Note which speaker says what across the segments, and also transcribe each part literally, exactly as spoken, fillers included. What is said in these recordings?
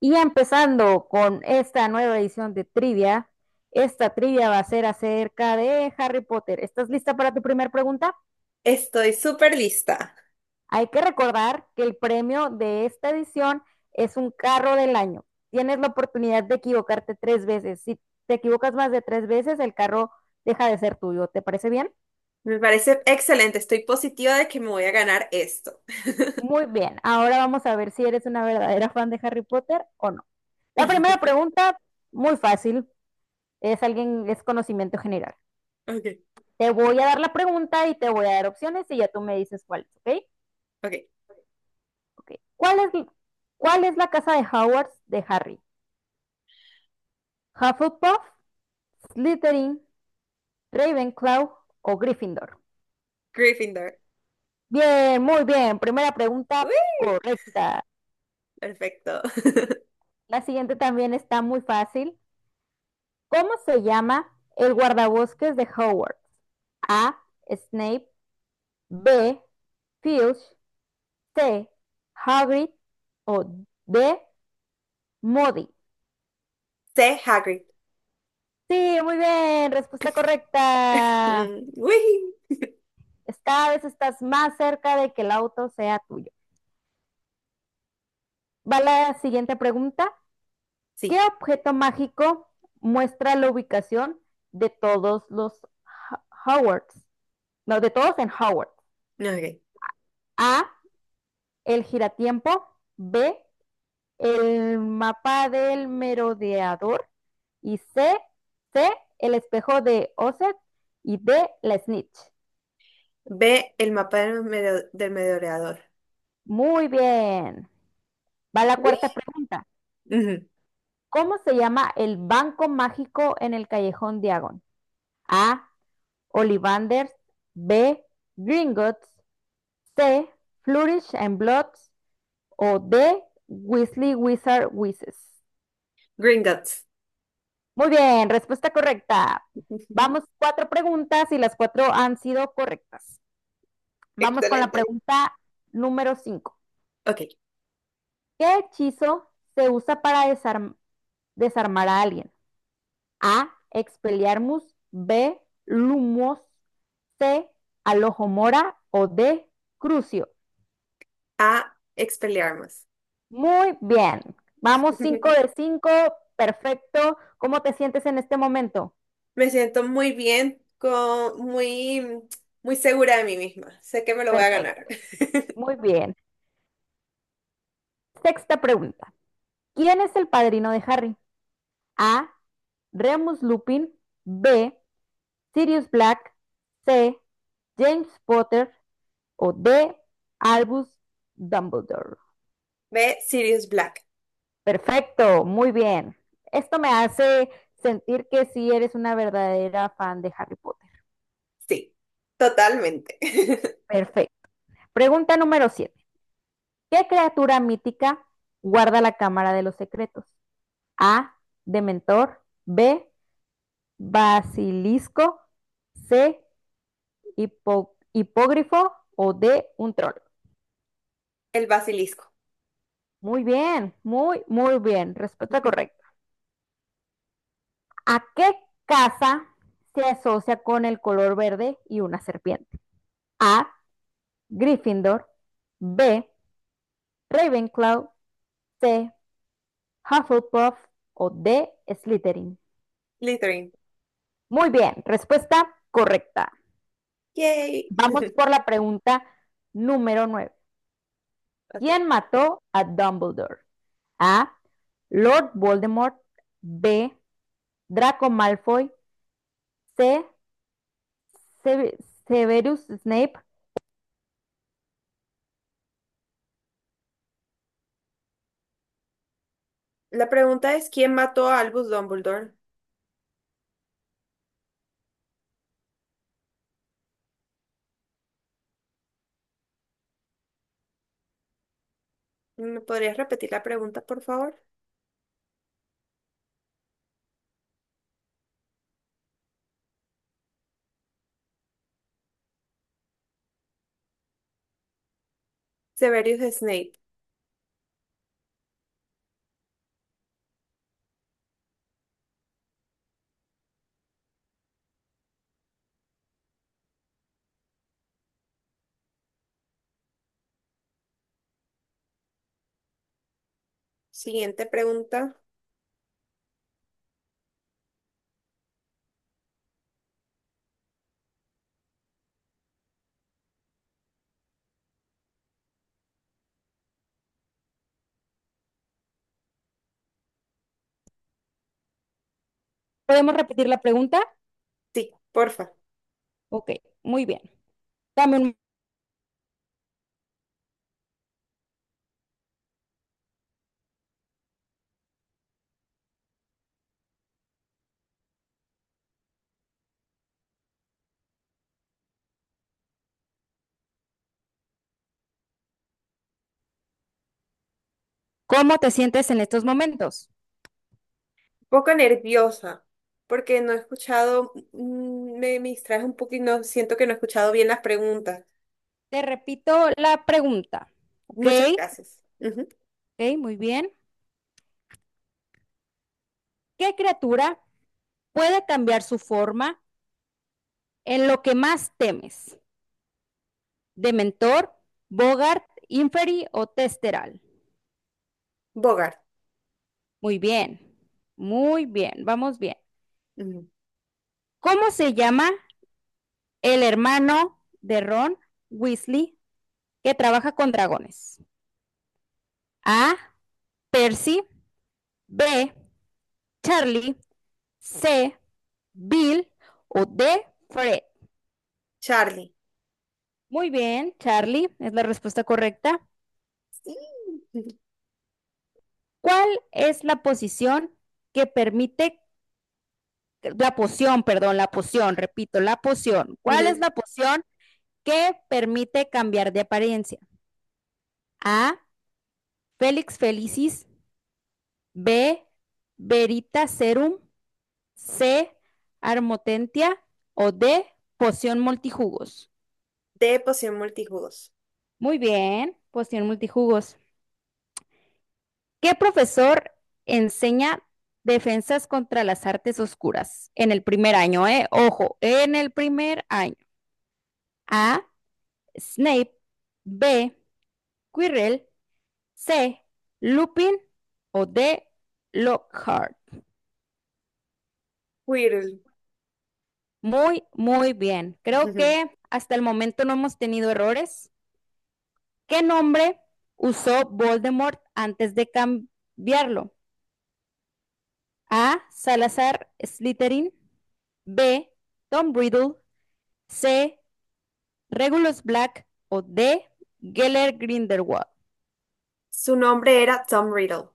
Speaker 1: Y empezando con esta nueva edición de trivia, esta trivia va a ser acerca de Harry Potter. ¿Estás lista para tu primera pregunta?
Speaker 2: Estoy súper lista.
Speaker 1: Hay que recordar que el premio de esta edición es un carro del año. Tienes la oportunidad de equivocarte tres veces. Si te equivocas más de tres veces, el carro deja de ser tuyo. ¿Te parece bien?
Speaker 2: Me parece excelente. Estoy positiva de que me voy a ganar esto.
Speaker 1: Muy bien. Ahora vamos a ver si eres una verdadera fan de Harry Potter o no. La primera pregunta, muy fácil, es alguien, es conocimiento general.
Speaker 2: Ok,
Speaker 1: Te voy a dar la pregunta y te voy a dar opciones y ya tú me dices cuál, ¿ok?
Speaker 2: ok.
Speaker 1: Okay. ¿Cuál, es, ¿Cuál es la casa de Hogwarts de Harry? ¿Hufflepuff, Slytherin, Ravenclaw o Gryffindor?
Speaker 2: Gryffindor.
Speaker 1: Bien, muy bien. Primera pregunta
Speaker 2: Uy,
Speaker 1: correcta.
Speaker 2: perfecto.
Speaker 1: La siguiente también está muy fácil. ¿Cómo se llama el guardabosques de Hogwarts? A. Snape. B. Filch. C. Hagrid. O D. Moody.
Speaker 2: C, Hagrid.
Speaker 1: Sí, muy bien, respuesta correcta.
Speaker 2: Mm, uy.
Speaker 1: Cada vez estás más cerca de que el auto sea tuyo. Va la siguiente pregunta. ¿Qué
Speaker 2: Sí,
Speaker 1: objeto mágico muestra la ubicación de todos los Howards? No, de todos en Howards.
Speaker 2: no, ok.
Speaker 1: A, el giratiempo. B, el mapa del merodeador. Y C, C, el espejo de Osset. Y D, la snitch.
Speaker 2: B, el mapa del, medio- del merodeador.
Speaker 1: Muy bien. Va la
Speaker 2: Uy.
Speaker 1: cuarta pregunta.
Speaker 2: Ujú.
Speaker 1: ¿Cómo se llama el banco mágico en el Callejón Diagon? A. Ollivanders. B. Gringotts. C. Flourish and Bloods. O D. Weasley Wizard Wizards.
Speaker 2: Gringotts.
Speaker 1: Muy bien, respuesta correcta.
Speaker 2: Ujú.
Speaker 1: Vamos cuatro preguntas y las cuatro han sido correctas. Vamos con la
Speaker 2: Excelente.
Speaker 1: pregunta número cinco.
Speaker 2: Ok.
Speaker 1: ¿Qué hechizo se usa para desarm- desarmar a alguien? A. Expelliarmus. B. Lumos. C. Alohomora. O D. Crucio.
Speaker 2: A, Expelliarmus.
Speaker 1: Muy bien. Vamos cinco de cinco. Perfecto. ¿Cómo te sientes en este momento?
Speaker 2: Me siento muy bien, con, muy, muy segura de mí misma. Sé que me lo voy a ganar.
Speaker 1: Perfecto. Muy bien. Sexta pregunta. ¿Quién es el padrino de Harry? A. Remus Lupin. B. Sirius Black. C. James Potter. O D. Albus Dumbledore.
Speaker 2: B, Sirius Black.
Speaker 1: Perfecto, muy bien. Esto me hace sentir que sí eres una verdadera fan de Harry Potter.
Speaker 2: Sí, totalmente.
Speaker 1: Perfecto. Pregunta número siete. ¿Qué criatura mítica guarda la Cámara de los Secretos? A. Dementor. B. Basilisco. C. hipo- hipógrifo. O D. Un troll.
Speaker 2: El basilisco.
Speaker 1: Muy bien, muy, muy bien. Respuesta correcta. ¿A qué casa se asocia con el color verde y una serpiente? A, Gryffindor; B, Ravenclaw; C, Hufflepuff o D, Slytherin.
Speaker 2: Slytherin.
Speaker 1: Muy bien, respuesta correcta.
Speaker 2: Yay.
Speaker 1: Vamos por la pregunta número nueve.
Speaker 2: Ok.
Speaker 1: ¿Quién mató a Dumbledore? A, Lord Voldemort; B, Draco Malfoy; C, Severus Snape.
Speaker 2: La pregunta es, ¿quién mató a Albus Dumbledore? ¿Me podrías repetir la pregunta, por favor? Severus Snape. Siguiente pregunta.
Speaker 1: ¿Podemos repetir la pregunta?
Speaker 2: Sí, porfa.
Speaker 1: Ok, muy bien. Dame un- ¿Cómo te sientes en estos momentos?
Speaker 2: Un poco nerviosa, porque no he escuchado, mm, me, me distraes un poco y no siento que no he escuchado bien las preguntas.
Speaker 1: Te repito la pregunta, ¿ok?
Speaker 2: Muchas gracias. Ujú.
Speaker 1: Ok, muy bien. ¿Qué criatura puede cambiar su forma en lo que más temes? ¿Dementor, Bogart, Inferi o Testeral?
Speaker 2: Bogart.
Speaker 1: Muy bien, muy bien, vamos bien.
Speaker 2: Ujú.
Speaker 1: ¿Cómo se llama el hermano de Ron Weasley que trabaja con dragones? A. Percy, B. Charlie, C. Bill o D. Fred.
Speaker 2: Charlie.
Speaker 1: Muy bien, Charlie, es la respuesta correcta.
Speaker 2: Sí.
Speaker 1: ¿Cuál es la posición que permite, la poción, perdón, la poción, repito, la poción? ¿Cuál es la poción que permite cambiar de apariencia? A, Félix Felicis; B, Verita Serum; C, Armotentia o D, poción multijugos.
Speaker 2: De poción multijugos.
Speaker 1: Muy bien, poción multijugos. ¿Qué profesor enseña defensas contra las artes oscuras en el primer año, eh? Ojo, en el primer año. A. Snape. B. Quirrell. C. Lupin. O D. Lockhart.
Speaker 2: Quirrell.
Speaker 1: Muy, muy bien. Creo
Speaker 2: Ujú.
Speaker 1: que hasta el momento no hemos tenido errores. ¿Qué nombre usó Voldemort antes de cambiarlo? A. Salazar Slytherin. B. Tom Riddle. C. Regulus Black. O D. Geller Grindelwald.
Speaker 2: Su nombre era Tom Riddle.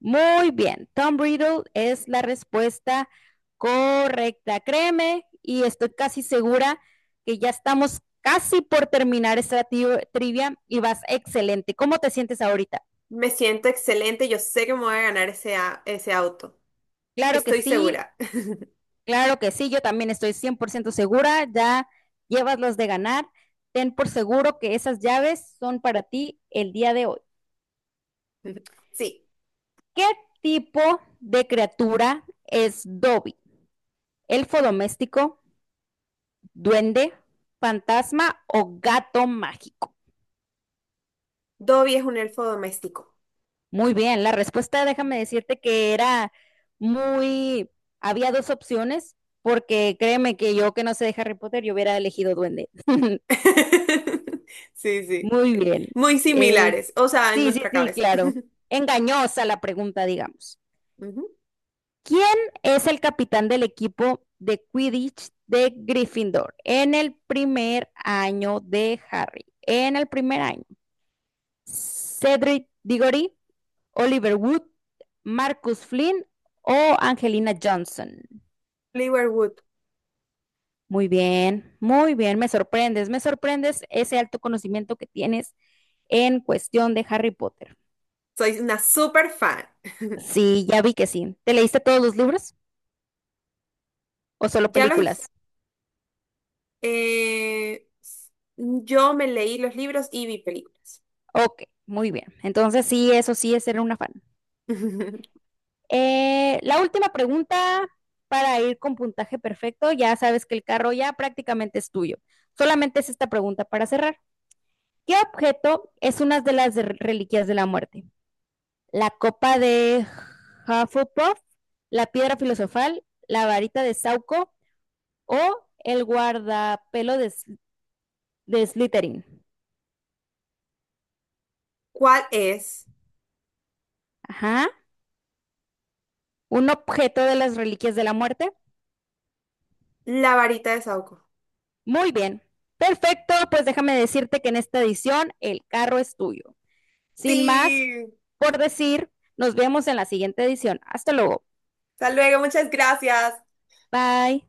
Speaker 1: Muy bien, Tom Riddle es la respuesta correcta, créeme, y estoy casi segura que ya estamos casi por terminar esta trivia y vas excelente. ¿Cómo te sientes ahorita?
Speaker 2: Me siento excelente, yo sé que me voy a ganar ese, a- ese auto.
Speaker 1: Claro que
Speaker 2: Estoy
Speaker 1: sí,
Speaker 2: segura.
Speaker 1: claro que sí, yo también estoy cien por ciento segura, ya llevas los de ganar. Ten por seguro que esas llaves son para ti el día de hoy.
Speaker 2: Sí,
Speaker 1: ¿Qué tipo de criatura es Dobby? ¿Elfo doméstico, duende, fantasma o gato mágico?
Speaker 2: Dobby es un elfo doméstico.
Speaker 1: Muy bien, la respuesta, déjame decirte que era muy. Había dos opciones, porque créeme que yo, que no sé de Harry Potter, yo hubiera elegido duende.
Speaker 2: Sí, sí.
Speaker 1: Muy bien.
Speaker 2: Muy
Speaker 1: Es.
Speaker 2: similares, o sea, en
Speaker 1: Sí, sí,
Speaker 2: nuestra
Speaker 1: sí,
Speaker 2: cabeza.
Speaker 1: claro. Engañosa la pregunta, digamos.
Speaker 2: Ujú.
Speaker 1: ¿Quién es el capitán del equipo de Quidditch de Gryffindor en el primer año de Harry? En el primer año. Cedric Diggory, Oliver Wood, Marcus Flynn o Angelina Johnson.
Speaker 2: Oliver Wood,
Speaker 1: Muy bien, muy bien, me sorprendes, me sorprendes ese alto conocimiento que tienes en cuestión de Harry Potter.
Speaker 2: soy una super fan.
Speaker 1: Sí, ya vi que sí. ¿Te leíste todos los libros o solo
Speaker 2: Ya lo hice.
Speaker 1: películas?
Speaker 2: Eh, yo me leí los libros y vi películas.
Speaker 1: Ok, muy bien. Entonces sí, eso sí es ser una fan. Eh, la última pregunta para ir con puntaje perfecto. Ya sabes que el carro ya prácticamente es tuyo. Solamente es esta pregunta para cerrar. ¿Qué objeto es una de las reliquias de la muerte? La copa de Hufflepuff, la piedra filosofal, la varita de Sauco o el guardapelo de, S- de Slytherin.
Speaker 2: ¿Cuál es
Speaker 1: Ajá. Un objeto de las reliquias de la muerte.
Speaker 2: la varita de Sauco?
Speaker 1: Muy bien. Perfecto, pues déjame decirte que en esta edición el carro es tuyo. Sin más
Speaker 2: Sí.
Speaker 1: por decir, nos vemos en la siguiente edición. Hasta luego.
Speaker 2: Hasta luego, muchas gracias.
Speaker 1: Bye.